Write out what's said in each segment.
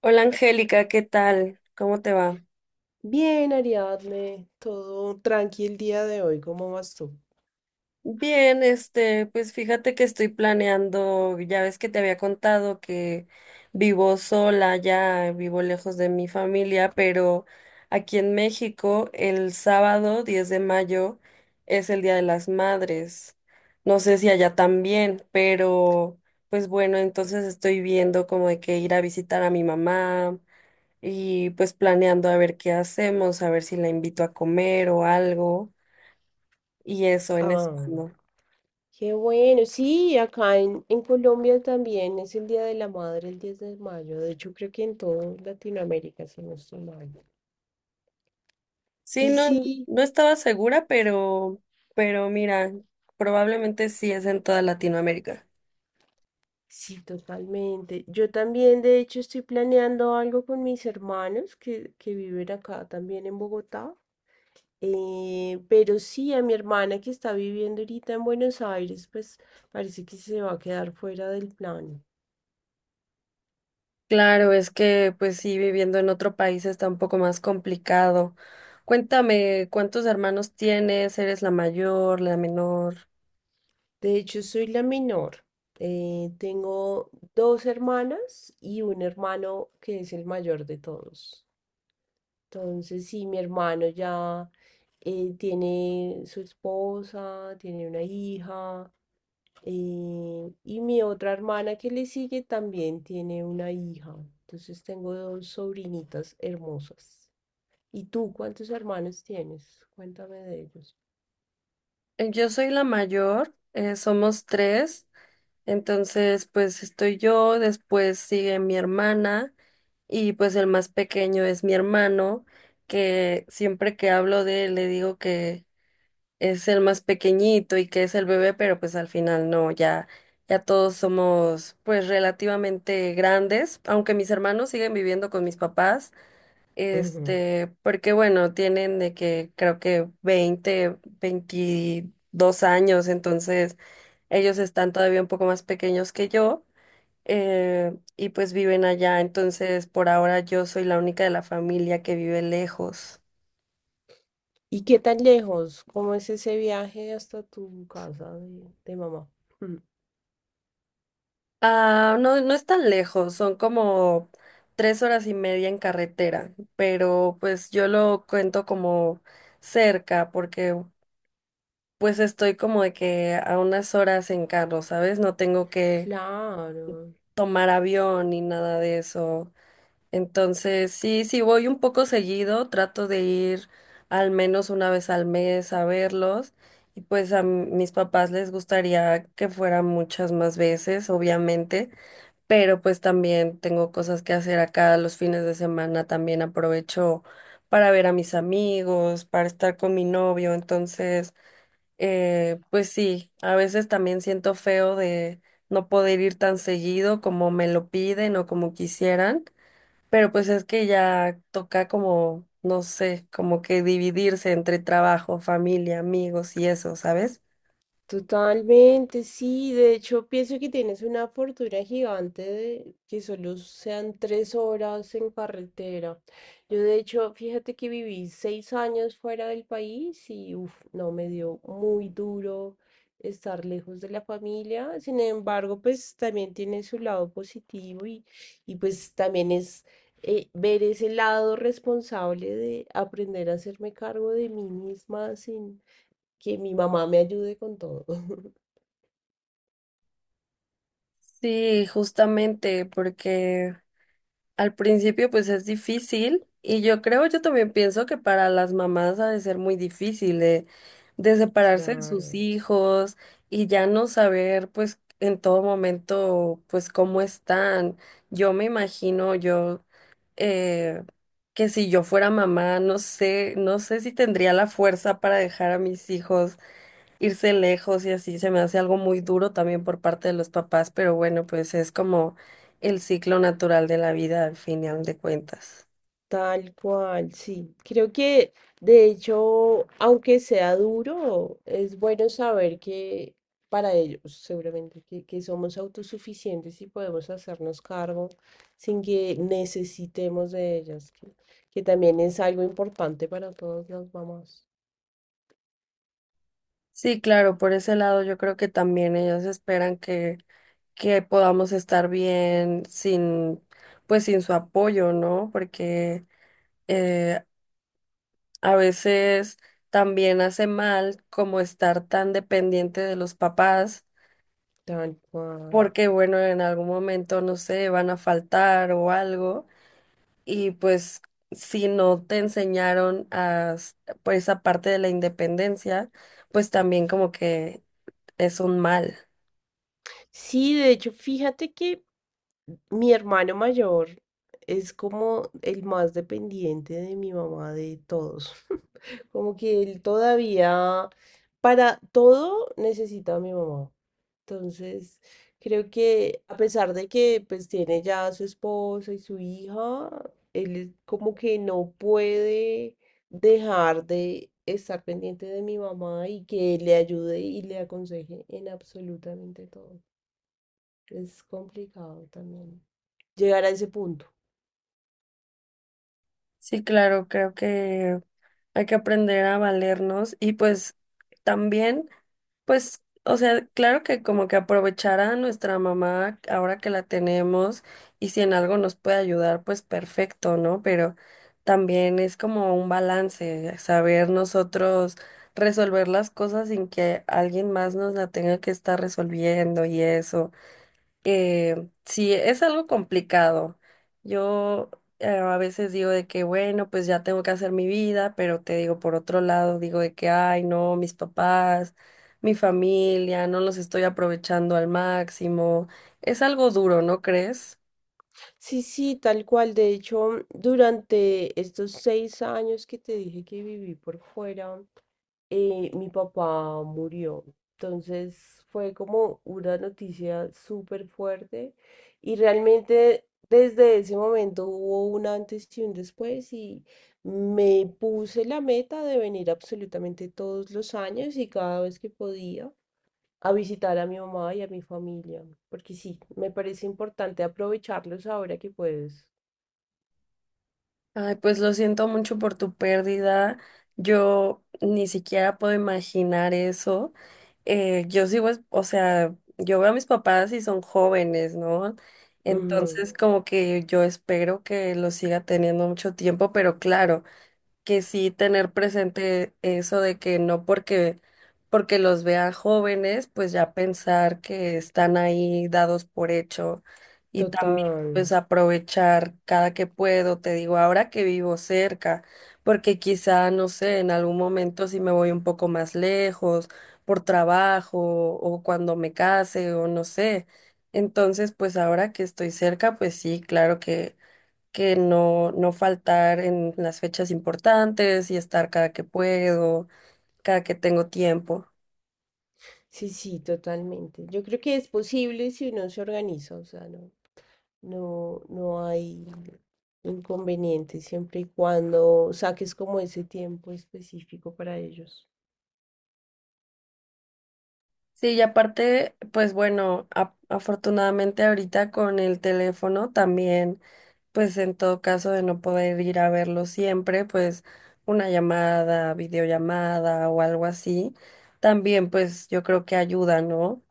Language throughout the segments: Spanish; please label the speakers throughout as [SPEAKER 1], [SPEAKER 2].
[SPEAKER 1] Hola Angélica, ¿qué tal? ¿Cómo te va?
[SPEAKER 2] Bien, Ariadne, todo tranqui el día de hoy, ¿cómo vas tú?
[SPEAKER 1] Bien, pues fíjate que estoy planeando, ya ves que te había contado que vivo sola, ya vivo lejos de mi familia, pero aquí en México el sábado 10 de mayo es el Día de las Madres. No sé si allá también, pero pues bueno, entonces estoy viendo como de que ir a visitar a mi mamá y pues planeando a ver qué hacemos, a ver si la invito a comer o algo y eso en eso.
[SPEAKER 2] Ah, qué bueno, sí, acá en Colombia también es el Día de la Madre, el 10 de mayo. De hecho creo que en toda Latinoamérica, si no estoy mal.
[SPEAKER 1] Sí,
[SPEAKER 2] Y
[SPEAKER 1] no,
[SPEAKER 2] sí,
[SPEAKER 1] no estaba segura, pero mira, probablemente sí es en toda Latinoamérica.
[SPEAKER 2] sí, totalmente. Yo también, de hecho, estoy planeando algo con mis hermanos que viven acá también en Bogotá. Pero sí, a mi hermana que está viviendo ahorita en Buenos Aires, pues parece que se va a quedar fuera del plan.
[SPEAKER 1] Claro, es que pues sí, viviendo en otro país está un poco más complicado. Cuéntame, ¿cuántos hermanos tienes? ¿Eres la mayor, la menor?
[SPEAKER 2] De hecho, soy la menor. Tengo dos hermanas y un hermano que es el mayor de todos. Entonces, sí, mi hermano ya tiene su esposa, tiene una hija, y mi otra hermana que le sigue también tiene una hija. Entonces, tengo dos sobrinitas hermosas. ¿Y tú cuántos hermanos tienes? Cuéntame de
[SPEAKER 1] Yo soy la mayor, somos tres, entonces pues estoy yo, después sigue mi hermana y pues el más pequeño es mi hermano, que siempre que hablo de él le digo que es el más pequeñito y que es el bebé, pero pues al final no, ya, ya todos somos pues relativamente grandes, aunque mis hermanos siguen viviendo con mis papás,
[SPEAKER 2] ellos.
[SPEAKER 1] porque bueno, tienen de que creo que 20 22 años, entonces ellos están todavía un poco más pequeños que yo. Y pues viven allá, entonces por ahora yo soy la única de la familia que vive lejos.
[SPEAKER 2] ¿Y qué tan lejos? ¿Cómo es ese viaje hasta tu casa de mamá? Mm.
[SPEAKER 1] Ah, no, no es tan lejos, son como tres horas y media en carretera, pero pues yo lo cuento como cerca porque pues estoy como de que a unas horas en carro, ¿sabes? No tengo que
[SPEAKER 2] Claro.
[SPEAKER 1] tomar avión ni nada de eso. Entonces, sí, sí voy un poco seguido, trato de ir al menos una vez al mes a verlos y pues a mis papás les gustaría que fuera muchas más veces, obviamente, pero pues también tengo cosas que hacer acá los fines de semana, también aprovecho para ver a mis amigos, para estar con mi novio, entonces, pues sí, a veces también siento feo de no poder ir tan seguido como me lo piden o como quisieran, pero pues es que ya toca como, no sé, como que dividirse entre trabajo, familia, amigos y eso, ¿sabes?
[SPEAKER 2] Totalmente, sí. De hecho, pienso que tienes una fortuna gigante de que solo sean 3 horas en carretera. Yo, de hecho, fíjate que viví 6 años fuera del país y, uf, no, me dio muy duro estar lejos de la familia. Sin embargo, pues también tiene su lado positivo y pues también es ver ese lado responsable de aprender a hacerme cargo de mí misma que mi mamá me ayude con todo.
[SPEAKER 1] Sí, justamente, porque al principio pues es difícil y yo creo, yo también pienso que para las mamás ha de ser muy difícil de separarse de sus
[SPEAKER 2] Claro.
[SPEAKER 1] hijos y ya no saber pues en todo momento pues cómo están. Yo me imagino yo eh, que si yo fuera mamá, no sé, no sé si tendría la fuerza para dejar a mis hijos irse lejos y así se me hace algo muy duro también por parte de los papás, pero bueno, pues es como el ciclo natural de la vida al final de cuentas.
[SPEAKER 2] Tal cual, sí. Creo que, de hecho, aunque sea duro, es bueno saber que para ellos, seguramente, que somos autosuficientes y podemos hacernos cargo sin que necesitemos de ellas, que también es algo importante para todas las mamás.
[SPEAKER 1] Sí, claro, por ese lado yo creo que también ellos esperan que podamos estar bien sin, pues sin su apoyo, ¿no? Porque eh, a veces también hace mal como estar tan dependiente de los papás,
[SPEAKER 2] Tal cual.
[SPEAKER 1] porque bueno, en algún momento, no sé, van a faltar o algo. Y pues si no te enseñaron por esa parte de la independencia, pues también como que es un mal.
[SPEAKER 2] Sí, de hecho, fíjate que mi hermano mayor es como el más dependiente de mi mamá de todos. Como que él todavía, para todo, necesita a mi mamá. Entonces, creo que a pesar de que pues tiene ya a su esposa y su hija, él es como que no puede dejar de estar pendiente de mi mamá y que le ayude y le aconseje en absolutamente todo. Es complicado también llegar a ese punto.
[SPEAKER 1] Sí, claro, creo que hay que aprender a valernos y pues también, pues, o sea, claro que como que aprovechar a nuestra mamá ahora que la tenemos y si en algo nos puede ayudar, pues perfecto, ¿no? Pero también es como un balance, saber nosotros resolver las cosas sin que alguien más nos la tenga que estar resolviendo y eso. Sí, es algo complicado. Yo A veces digo de que, bueno, pues ya tengo que hacer mi vida, pero te digo, por otro lado, digo de que, ay, no, mis papás, mi familia, no los estoy aprovechando al máximo. Es algo duro, ¿no crees?
[SPEAKER 2] Sí, sí, tal cual. De hecho, durante estos 6 años que te dije que viví por fuera, mi papá murió. Entonces fue como una noticia súper fuerte y realmente desde ese momento hubo un antes y un después y me puse la meta de venir absolutamente todos los años y cada vez que podía a visitar a mi mamá y a mi familia, porque sí, me parece importante aprovecharlos ahora que puedes.
[SPEAKER 1] Ay, pues lo siento mucho por tu pérdida. Yo ni siquiera puedo imaginar eso. Yo sigo, o sea, yo veo a mis papás y son jóvenes, ¿no?
[SPEAKER 2] Ujú.
[SPEAKER 1] Entonces, como que yo espero que los siga teniendo mucho tiempo, pero claro que sí tener presente eso de que no porque los vean jóvenes, pues ya pensar que están ahí dados por hecho, y también
[SPEAKER 2] Total.
[SPEAKER 1] pues aprovechar cada que puedo, te digo, ahora que vivo cerca, porque quizá, no sé, en algún momento si me voy un poco más lejos por trabajo o cuando me case o no sé. Entonces, pues ahora que estoy cerca, pues sí, claro que no, no faltar en las fechas importantes y estar cada que puedo, cada que tengo tiempo.
[SPEAKER 2] Sí, sí, totalmente. Yo creo que es posible si uno se organiza, o sea, no, no, no hay inconveniente siempre y cuando saques como ese tiempo específico para ellos.
[SPEAKER 1] Sí, y aparte, pues bueno, afortunadamente ahorita con el teléfono también, pues en todo caso de no poder ir a verlo siempre, pues una llamada, videollamada o algo así, también pues yo creo que ayuda, ¿no?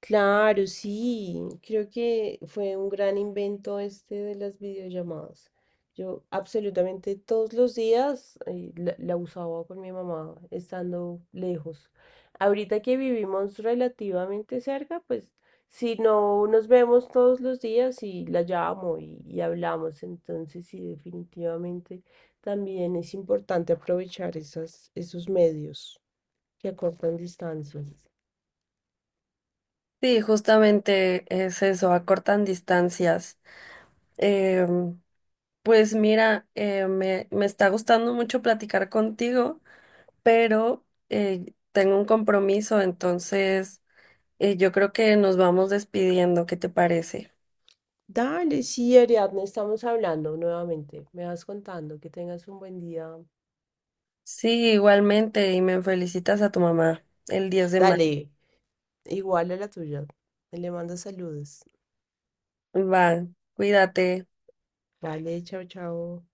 [SPEAKER 2] Claro, sí, creo que fue un gran invento este de las videollamadas. Yo absolutamente todos los días la usaba con mi mamá estando lejos. Ahorita que vivimos relativamente cerca, pues si no nos vemos todos los días y la llamo y hablamos, entonces sí, definitivamente también es importante aprovechar esos medios que acortan distancias.
[SPEAKER 1] Sí, justamente es eso, acortan distancias. em, Pues mira, me, me está gustando mucho platicar contigo, pero tengo un compromiso, entonces yo creo que nos vamos despidiendo. ¿Qué te parece?
[SPEAKER 2] Dale, sí, Ariadne, estamos hablando nuevamente. Me vas contando que tengas un buen día.
[SPEAKER 1] Sí, igualmente, y me felicitas a tu mamá el 10 de mayo.
[SPEAKER 2] Dale, igual a la tuya. Le mando saludos.
[SPEAKER 1] Va, cuídate.
[SPEAKER 2] Vale, chao, chao.